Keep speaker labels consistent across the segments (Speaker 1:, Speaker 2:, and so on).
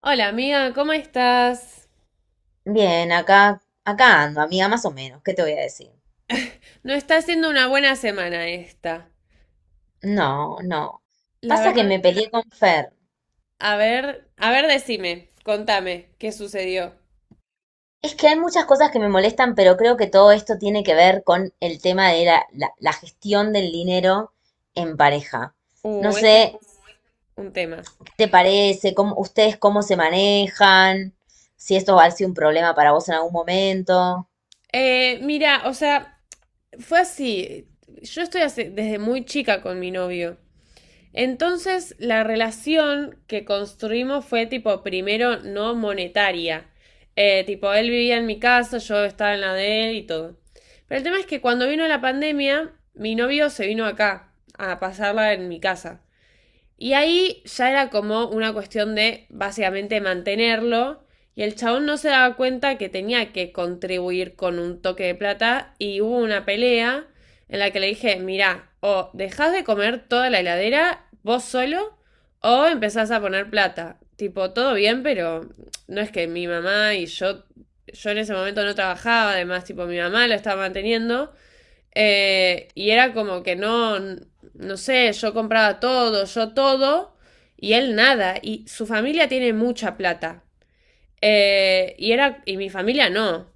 Speaker 1: Hola amiga, ¿cómo estás?
Speaker 2: Bien, acá ando, amiga, más o menos. ¿Qué te voy a decir?
Speaker 1: No está siendo una buena semana esta.
Speaker 2: No, no.
Speaker 1: La
Speaker 2: Pasa que
Speaker 1: verdad,
Speaker 2: me peleé con Fer.
Speaker 1: a ver, decime, contame, ¿qué sucedió?
Speaker 2: Es que hay muchas cosas que me molestan, pero creo que todo esto tiene que ver con el tema de la gestión del dinero en pareja. No
Speaker 1: Ese
Speaker 2: sé,
Speaker 1: es un tema.
Speaker 2: ¿qué te parece? ¿Cómo, ustedes cómo se manejan? Si esto va a ser un problema para vos en algún momento.
Speaker 1: Mira, o sea, fue así. Yo desde muy chica con mi novio. Entonces, la relación que construimos fue tipo, primero, no monetaria. Tipo, él vivía en mi casa, yo estaba en la de él y todo. Pero el tema es que cuando vino la pandemia, mi novio se vino acá a pasarla en mi casa. Y ahí ya era como una cuestión de básicamente mantenerlo. Y el chabón no se daba cuenta que tenía que contribuir con un toque de plata. Y hubo una pelea en la que le dije, mirá, o dejás de comer toda la heladera vos solo o empezás a poner plata. Tipo, todo bien, pero no es que mi mamá y yo en ese momento no trabajaba, además, tipo, mi mamá lo estaba manteniendo. Y era como que no, no sé, yo compraba todo, yo todo, y él nada. Y su familia tiene mucha plata. Y era, y mi familia no.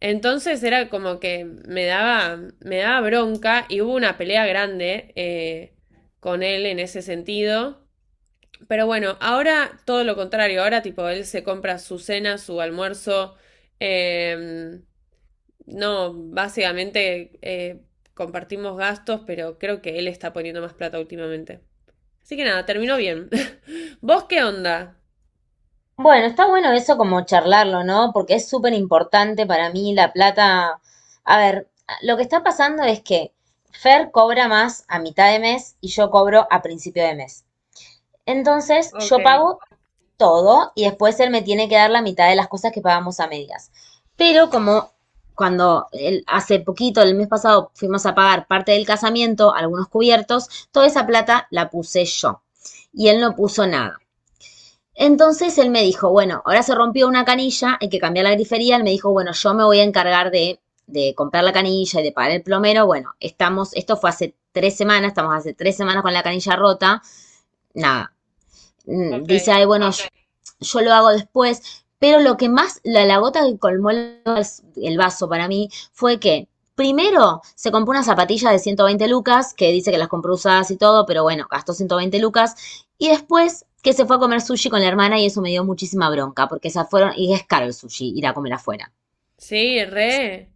Speaker 1: Entonces era como que me daba bronca y hubo una pelea grande con él en ese sentido. Pero bueno, ahora todo lo contrario, ahora tipo él se compra su cena, su almuerzo, eh, no, básicamente compartimos gastos, pero creo que él está poniendo más plata últimamente. Así que nada, terminó bien. ¿Vos qué onda?
Speaker 2: Bueno, está bueno eso como charlarlo, ¿no? Porque es súper importante para mí la plata. A ver, lo que está pasando es que Fer cobra más a mitad de mes y yo cobro a principio de mes. Entonces,
Speaker 1: Ok,
Speaker 2: yo pago todo y después él me tiene que dar la mitad de las cosas que pagamos a medias. Pero como cuando hace poquito, el mes pasado, fuimos a pagar parte del casamiento, algunos cubiertos, toda esa plata la puse yo y él no puso nada. Entonces él me dijo, bueno, ahora se rompió una canilla, hay que cambiar la grifería. Él me dijo, bueno, yo me voy a encargar de comprar la canilla y de pagar el plomero. Bueno, estamos, esto fue hace 3 semanas, estamos hace 3 semanas con la canilla rota. Nada, Mm,
Speaker 1: ok.
Speaker 2: dice, ay, bueno, yo lo hago después, pero lo que más, la gota que colmó el vaso para mí fue que primero se compró una zapatilla de 120 lucas, que dice que las compró usadas y todo, pero bueno, gastó 120 lucas, y después que se fue a comer sushi con la hermana y eso me dio muchísima bronca, porque se fueron, y es caro el sushi, ir a comer afuera.
Speaker 1: Sí, re,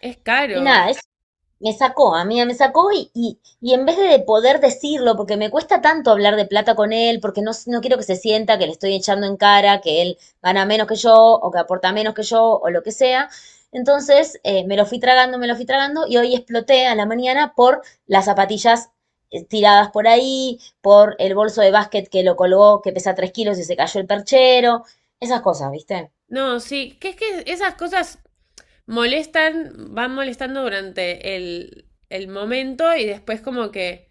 Speaker 1: es
Speaker 2: Y
Speaker 1: caro.
Speaker 2: nada, me sacó, amiga, me sacó y en vez de poder decirlo, porque me cuesta tanto hablar de plata con él, porque no, no quiero que se sienta que le estoy echando en cara, que él gana menos que yo, o que aporta menos que yo, o lo que sea. Entonces, me lo fui tragando, me lo fui tragando, y hoy exploté a la mañana por las zapatillas tiradas por ahí, por el bolso de básquet que lo colgó, que pesa 3 kilos y se cayó el perchero, esas cosas, ¿viste?
Speaker 1: No, sí, que es que esas cosas molestan, van molestando durante el momento y después como que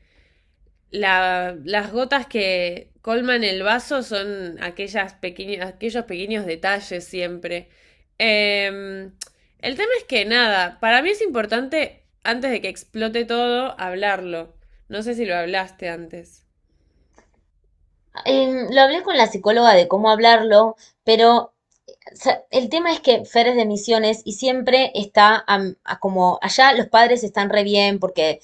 Speaker 1: la- las gotas que colman el vaso son aquellas pequeñas, aquellos pequeños detalles siempre. Em, el tema es que nada, para mí es importante, antes de que explote todo, hablarlo. No sé si lo hablaste antes.
Speaker 2: Lo hablé con la psicóloga de cómo hablarlo, pero sea, el tema es que Fer es de Misiones y siempre está a como allá los padres están re bien porque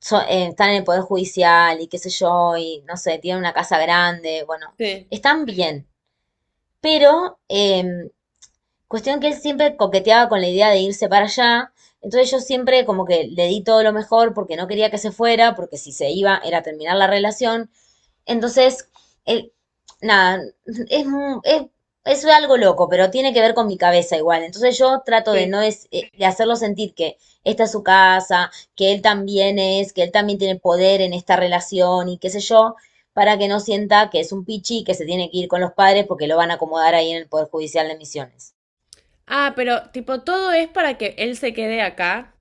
Speaker 2: están en el Poder Judicial y qué sé yo, y no sé, tienen una casa grande, bueno,
Speaker 1: Sí,
Speaker 2: están bien. Pero cuestión que él siempre coqueteaba con la idea de irse para allá, entonces yo siempre como que le di todo lo mejor porque no quería que se fuera, porque si se iba era terminar la relación, entonces, el- nada, es, es, es algo loco, pero tiene que ver con mi cabeza igual. Entonces yo trato de
Speaker 1: sí.
Speaker 2: no es, de hacerlo sentir que esta es su casa, que él también es, que él también tiene poder en esta relación y qué sé yo, para que no sienta que es un pichi que se tiene que ir con los padres porque lo van a acomodar ahí en el Poder Judicial de Misiones.
Speaker 1: Ah, pero tipo, todo es para que él se quede acá.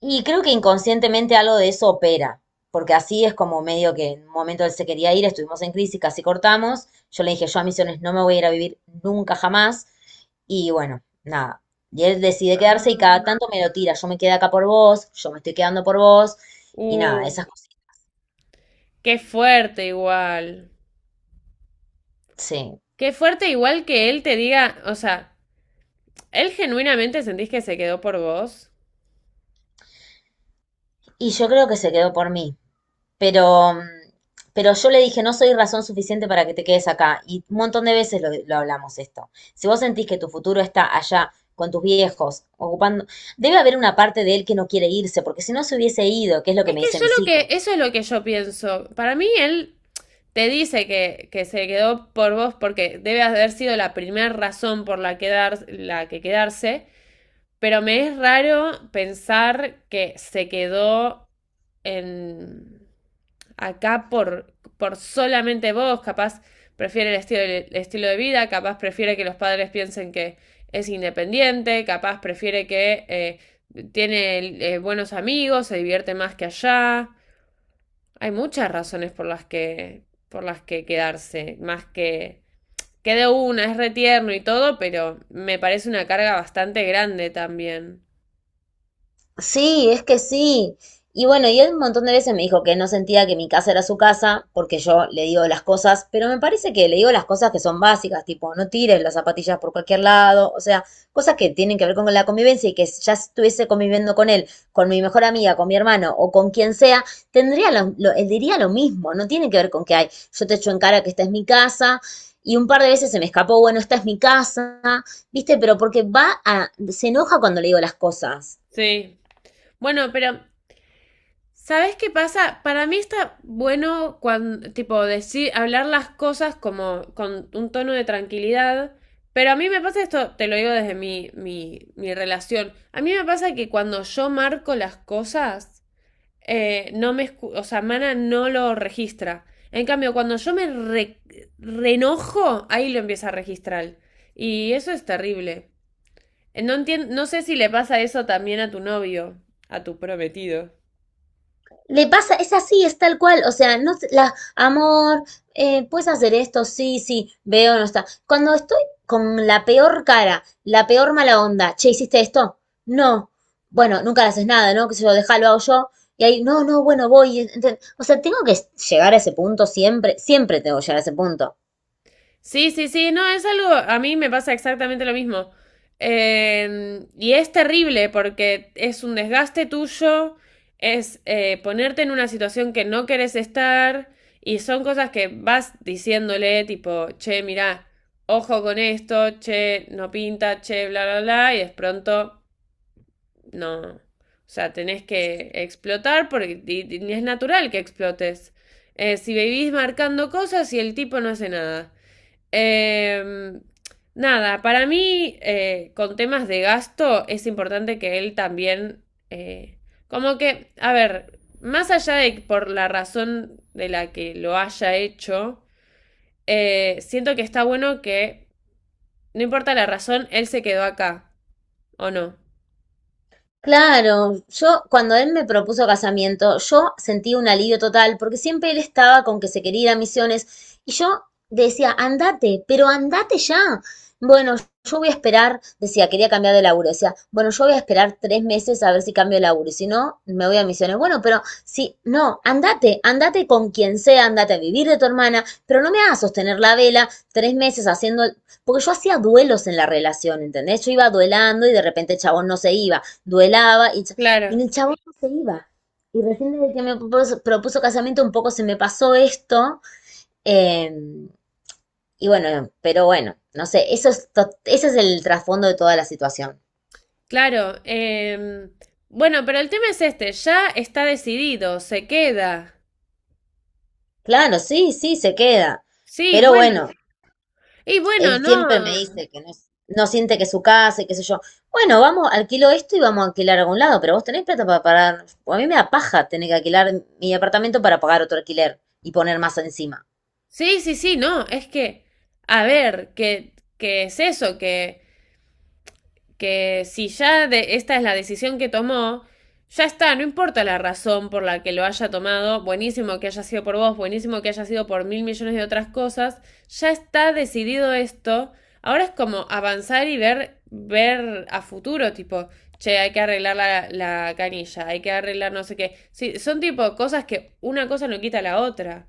Speaker 2: Y creo que inconscientemente algo de eso opera, porque así es como medio que en un momento él se quería ir, estuvimos en crisis, casi cortamos. Yo le dije, yo a Misiones no me voy a ir a vivir nunca jamás. Y bueno, nada. Y él decide quedarse y cada
Speaker 1: Ah.
Speaker 2: tanto me lo tira. Yo me quedé acá por vos, yo me estoy quedando por vos. Y nada,
Speaker 1: Uh,
Speaker 2: esas cosas.
Speaker 1: qué fuerte igual.
Speaker 2: Sí.
Speaker 1: Qué fuerte igual que él te diga, o sea, ¿él genuinamente sentís que se quedó por vos?
Speaker 2: Y yo creo que se quedó por mí. Pero, pero yo le dije, no soy razón suficiente para que te quedes acá. Y un montón de veces lo hablamos esto. Si vos sentís que tu futuro está allá con tus viejos, ocupando, debe haber una parte de él que no quiere irse, porque si no se hubiese ido, que es lo que
Speaker 1: Es
Speaker 2: me
Speaker 1: que
Speaker 2: dice
Speaker 1: yo
Speaker 2: mi
Speaker 1: lo que,
Speaker 2: psico.
Speaker 1: eso es lo que yo pienso. Para mí él te dice que se quedó por vos porque debe haber sido la primera razón por la, quedar, la que quedarse, pero me es raro pensar que se quedó en acá por solamente vos, capaz prefiere el estilo de vida, capaz prefiere que los padres piensen que es independiente, capaz prefiere que tiene buenos amigos, se divierte más que allá. Hay muchas razones por las que quedarse, más que una, es retierno y todo, pero me parece una carga bastante grande también.
Speaker 2: Sí, es que sí. Y bueno, y él un montón de veces me dijo que no sentía que mi casa era su casa, porque yo le digo las cosas, pero me parece que le digo las cosas que son básicas, tipo, no tires las zapatillas por cualquier lado, o sea, cosas que tienen que ver con la convivencia y que si ya estuviese conviviendo con él, con mi mejor amiga, con mi hermano o con quien sea, tendría él diría lo mismo, no tiene que ver con que hay, yo te echo en cara que esta es mi casa. Y un par de veces se me escapó, bueno, esta es mi casa, ¿viste? Pero porque va a, se enoja cuando le digo las cosas.
Speaker 1: Sí. Bueno, pero ¿sabes qué pasa? Para mí está bueno cuando tipo decir hablar las cosas como con un tono de tranquilidad, pero a mí me pasa esto, te lo digo desde mi relación. A mí me pasa que cuando yo marco las cosas no me escu- o sea, Mana no lo registra. En cambio, cuando yo me re- reenojo, ahí lo empieza a registrar. Y eso es terrible. No entien- no sé si le pasa eso también a tu novio, a tu prometido.
Speaker 2: Le pasa, es así, es tal cual, o sea, no, la, amor, puedes hacer esto, sí, sí, veo, no está. Cuando estoy con la peor cara, la peor mala onda, che, ¿hiciste esto? No, bueno, nunca le haces nada, ¿no? Que se lo deja, lo hago yo, y ahí, no, no, bueno, o sea, tengo que llegar a ese punto siempre, siempre tengo que llegar a ese punto.
Speaker 1: Sí, sí, sí, no, es algo, a mí me pasa exactamente lo mismo. Y es terrible porque es un desgaste tuyo, es ponerte en una situación que no querés estar y son cosas que vas diciéndole tipo, che, mirá, ojo con esto, che, no pinta, che, bla, bla, bla, y de pronto no. O sea, tenés que explotar porque y es natural que explotes. Si vivís marcando cosas y el tipo no hace nada. Eh, nada, para mí, con temas de gasto, es importante que él también, eh, como que, a ver, más allá de por la razón de la que lo haya hecho, siento que está bueno que, no importa la razón, él se quedó acá, ¿o no?
Speaker 2: Claro, yo cuando él me propuso casamiento, yo sentí un alivio total, porque siempre él estaba con que se quería ir a Misiones, y yo decía, andate, pero andate ya. Bueno, yo voy a esperar, decía, quería cambiar de laburo, decía, bueno, yo voy a esperar 3 meses a ver si cambio de laburo, y si no, me voy a Misiones. Bueno, pero si, no, andate, andate con quien sea, andate a vivir de tu hermana, pero no me hagas sostener la vela 3 meses haciendo, porque yo hacía duelos en la relación, ¿entendés? Yo iba duelando y de repente el chabón no se iba duelaba y
Speaker 1: Claro,
Speaker 2: el chabón no se iba. Y recién desde que me propuso casamiento un poco se me pasó esto. eh, y bueno, pero bueno, no sé, eso es ese es el trasfondo de toda la situación.
Speaker 1: claro. Bueno, pero el tema es este, ya está decidido, se queda.
Speaker 2: Claro, sí, sí, se queda.
Speaker 1: Sí,
Speaker 2: Pero
Speaker 1: bueno.
Speaker 2: bueno,
Speaker 1: Y bueno,
Speaker 2: él siempre me
Speaker 1: no.
Speaker 2: dice que no, no siente que es su casa y qué sé yo. Bueno, vamos, alquilo esto y vamos a alquilar a algún lado, pero vos tenés plata para pagar. A mí me da paja tener que alquilar mi apartamento para pagar otro alquiler y poner más encima.
Speaker 1: Sí, sí, sí, no, es que, a ver, que es eso, que si ya de- esta es la decisión que tomó, ya está, no importa la razón por la que lo haya tomado, buenísimo que haya sido por vos, buenísimo que haya sido por mil millones de otras cosas, ya está decidido esto, ahora es como avanzar y ver, ver a futuro, tipo, che, hay que arreglar la, la canilla, hay que arreglar no sé qué, sí, son tipo cosas que una cosa no quita la otra.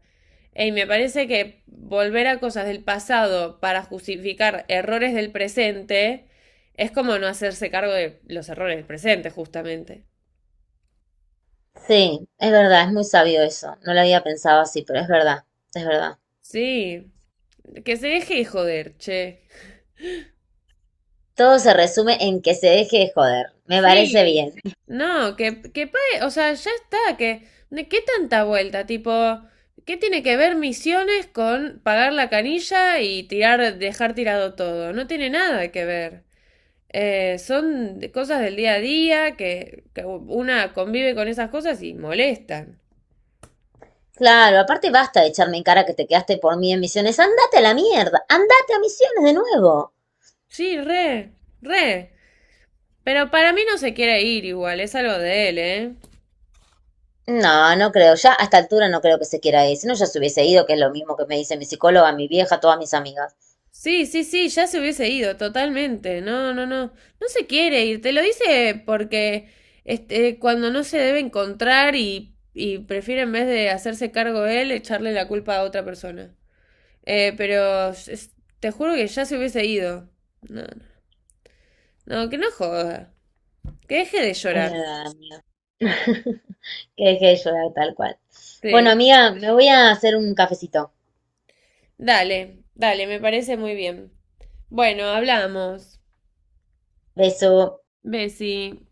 Speaker 1: Y me parece que volver a cosas del pasado para justificar errores del presente es como no hacerse cargo de los errores del presente, justamente.
Speaker 2: Sí, es verdad, es muy sabio eso. No lo había pensado así, pero es verdad, es verdad.
Speaker 1: Sí. Que se deje de joder, che.
Speaker 2: Todo se resume en que se deje de joder. Me parece
Speaker 1: Sí,
Speaker 2: bien.
Speaker 1: no, que pague, o sea, ya está, que, ¿de qué tanta vuelta? Tipo, ¿qué tiene que ver misiones con pagar la canilla y tirar, dejar tirado todo? No tiene nada que ver. Son de- cosas del día a día que una convive con esas cosas y molestan.
Speaker 2: Claro, aparte basta de echarme en cara que te quedaste por mí en Misiones. Andate a la mierda, andate a Misiones de nuevo.
Speaker 1: Sí, re, re. Pero para mí no se quiere ir igual, es algo de él, ¿eh?
Speaker 2: No, no creo, ya a esta altura no creo que se quiera ir. Si no, ya se hubiese ido, que es lo mismo que me dice mi psicóloga, mi vieja, todas mis amigas.
Speaker 1: Sí, sí, sí, ya se hubiese ido, totalmente. No, no, no. No se quiere ir, te lo dice porque este, cuando no se debe encontrar y prefiere en vez de hacerse cargo él, echarle la culpa a otra persona. Pero es- te juro que ya se hubiese ido. No, no, no, que no joda. Que deje de llorar.
Speaker 2: Eh, que deje de llorar tal cual. Bueno,
Speaker 1: Sí.
Speaker 2: amiga, me voy a hacer un cafecito.
Speaker 1: Dale, dale, me parece muy bien. Bueno, hablamos.
Speaker 2: Beso.
Speaker 1: Bessie.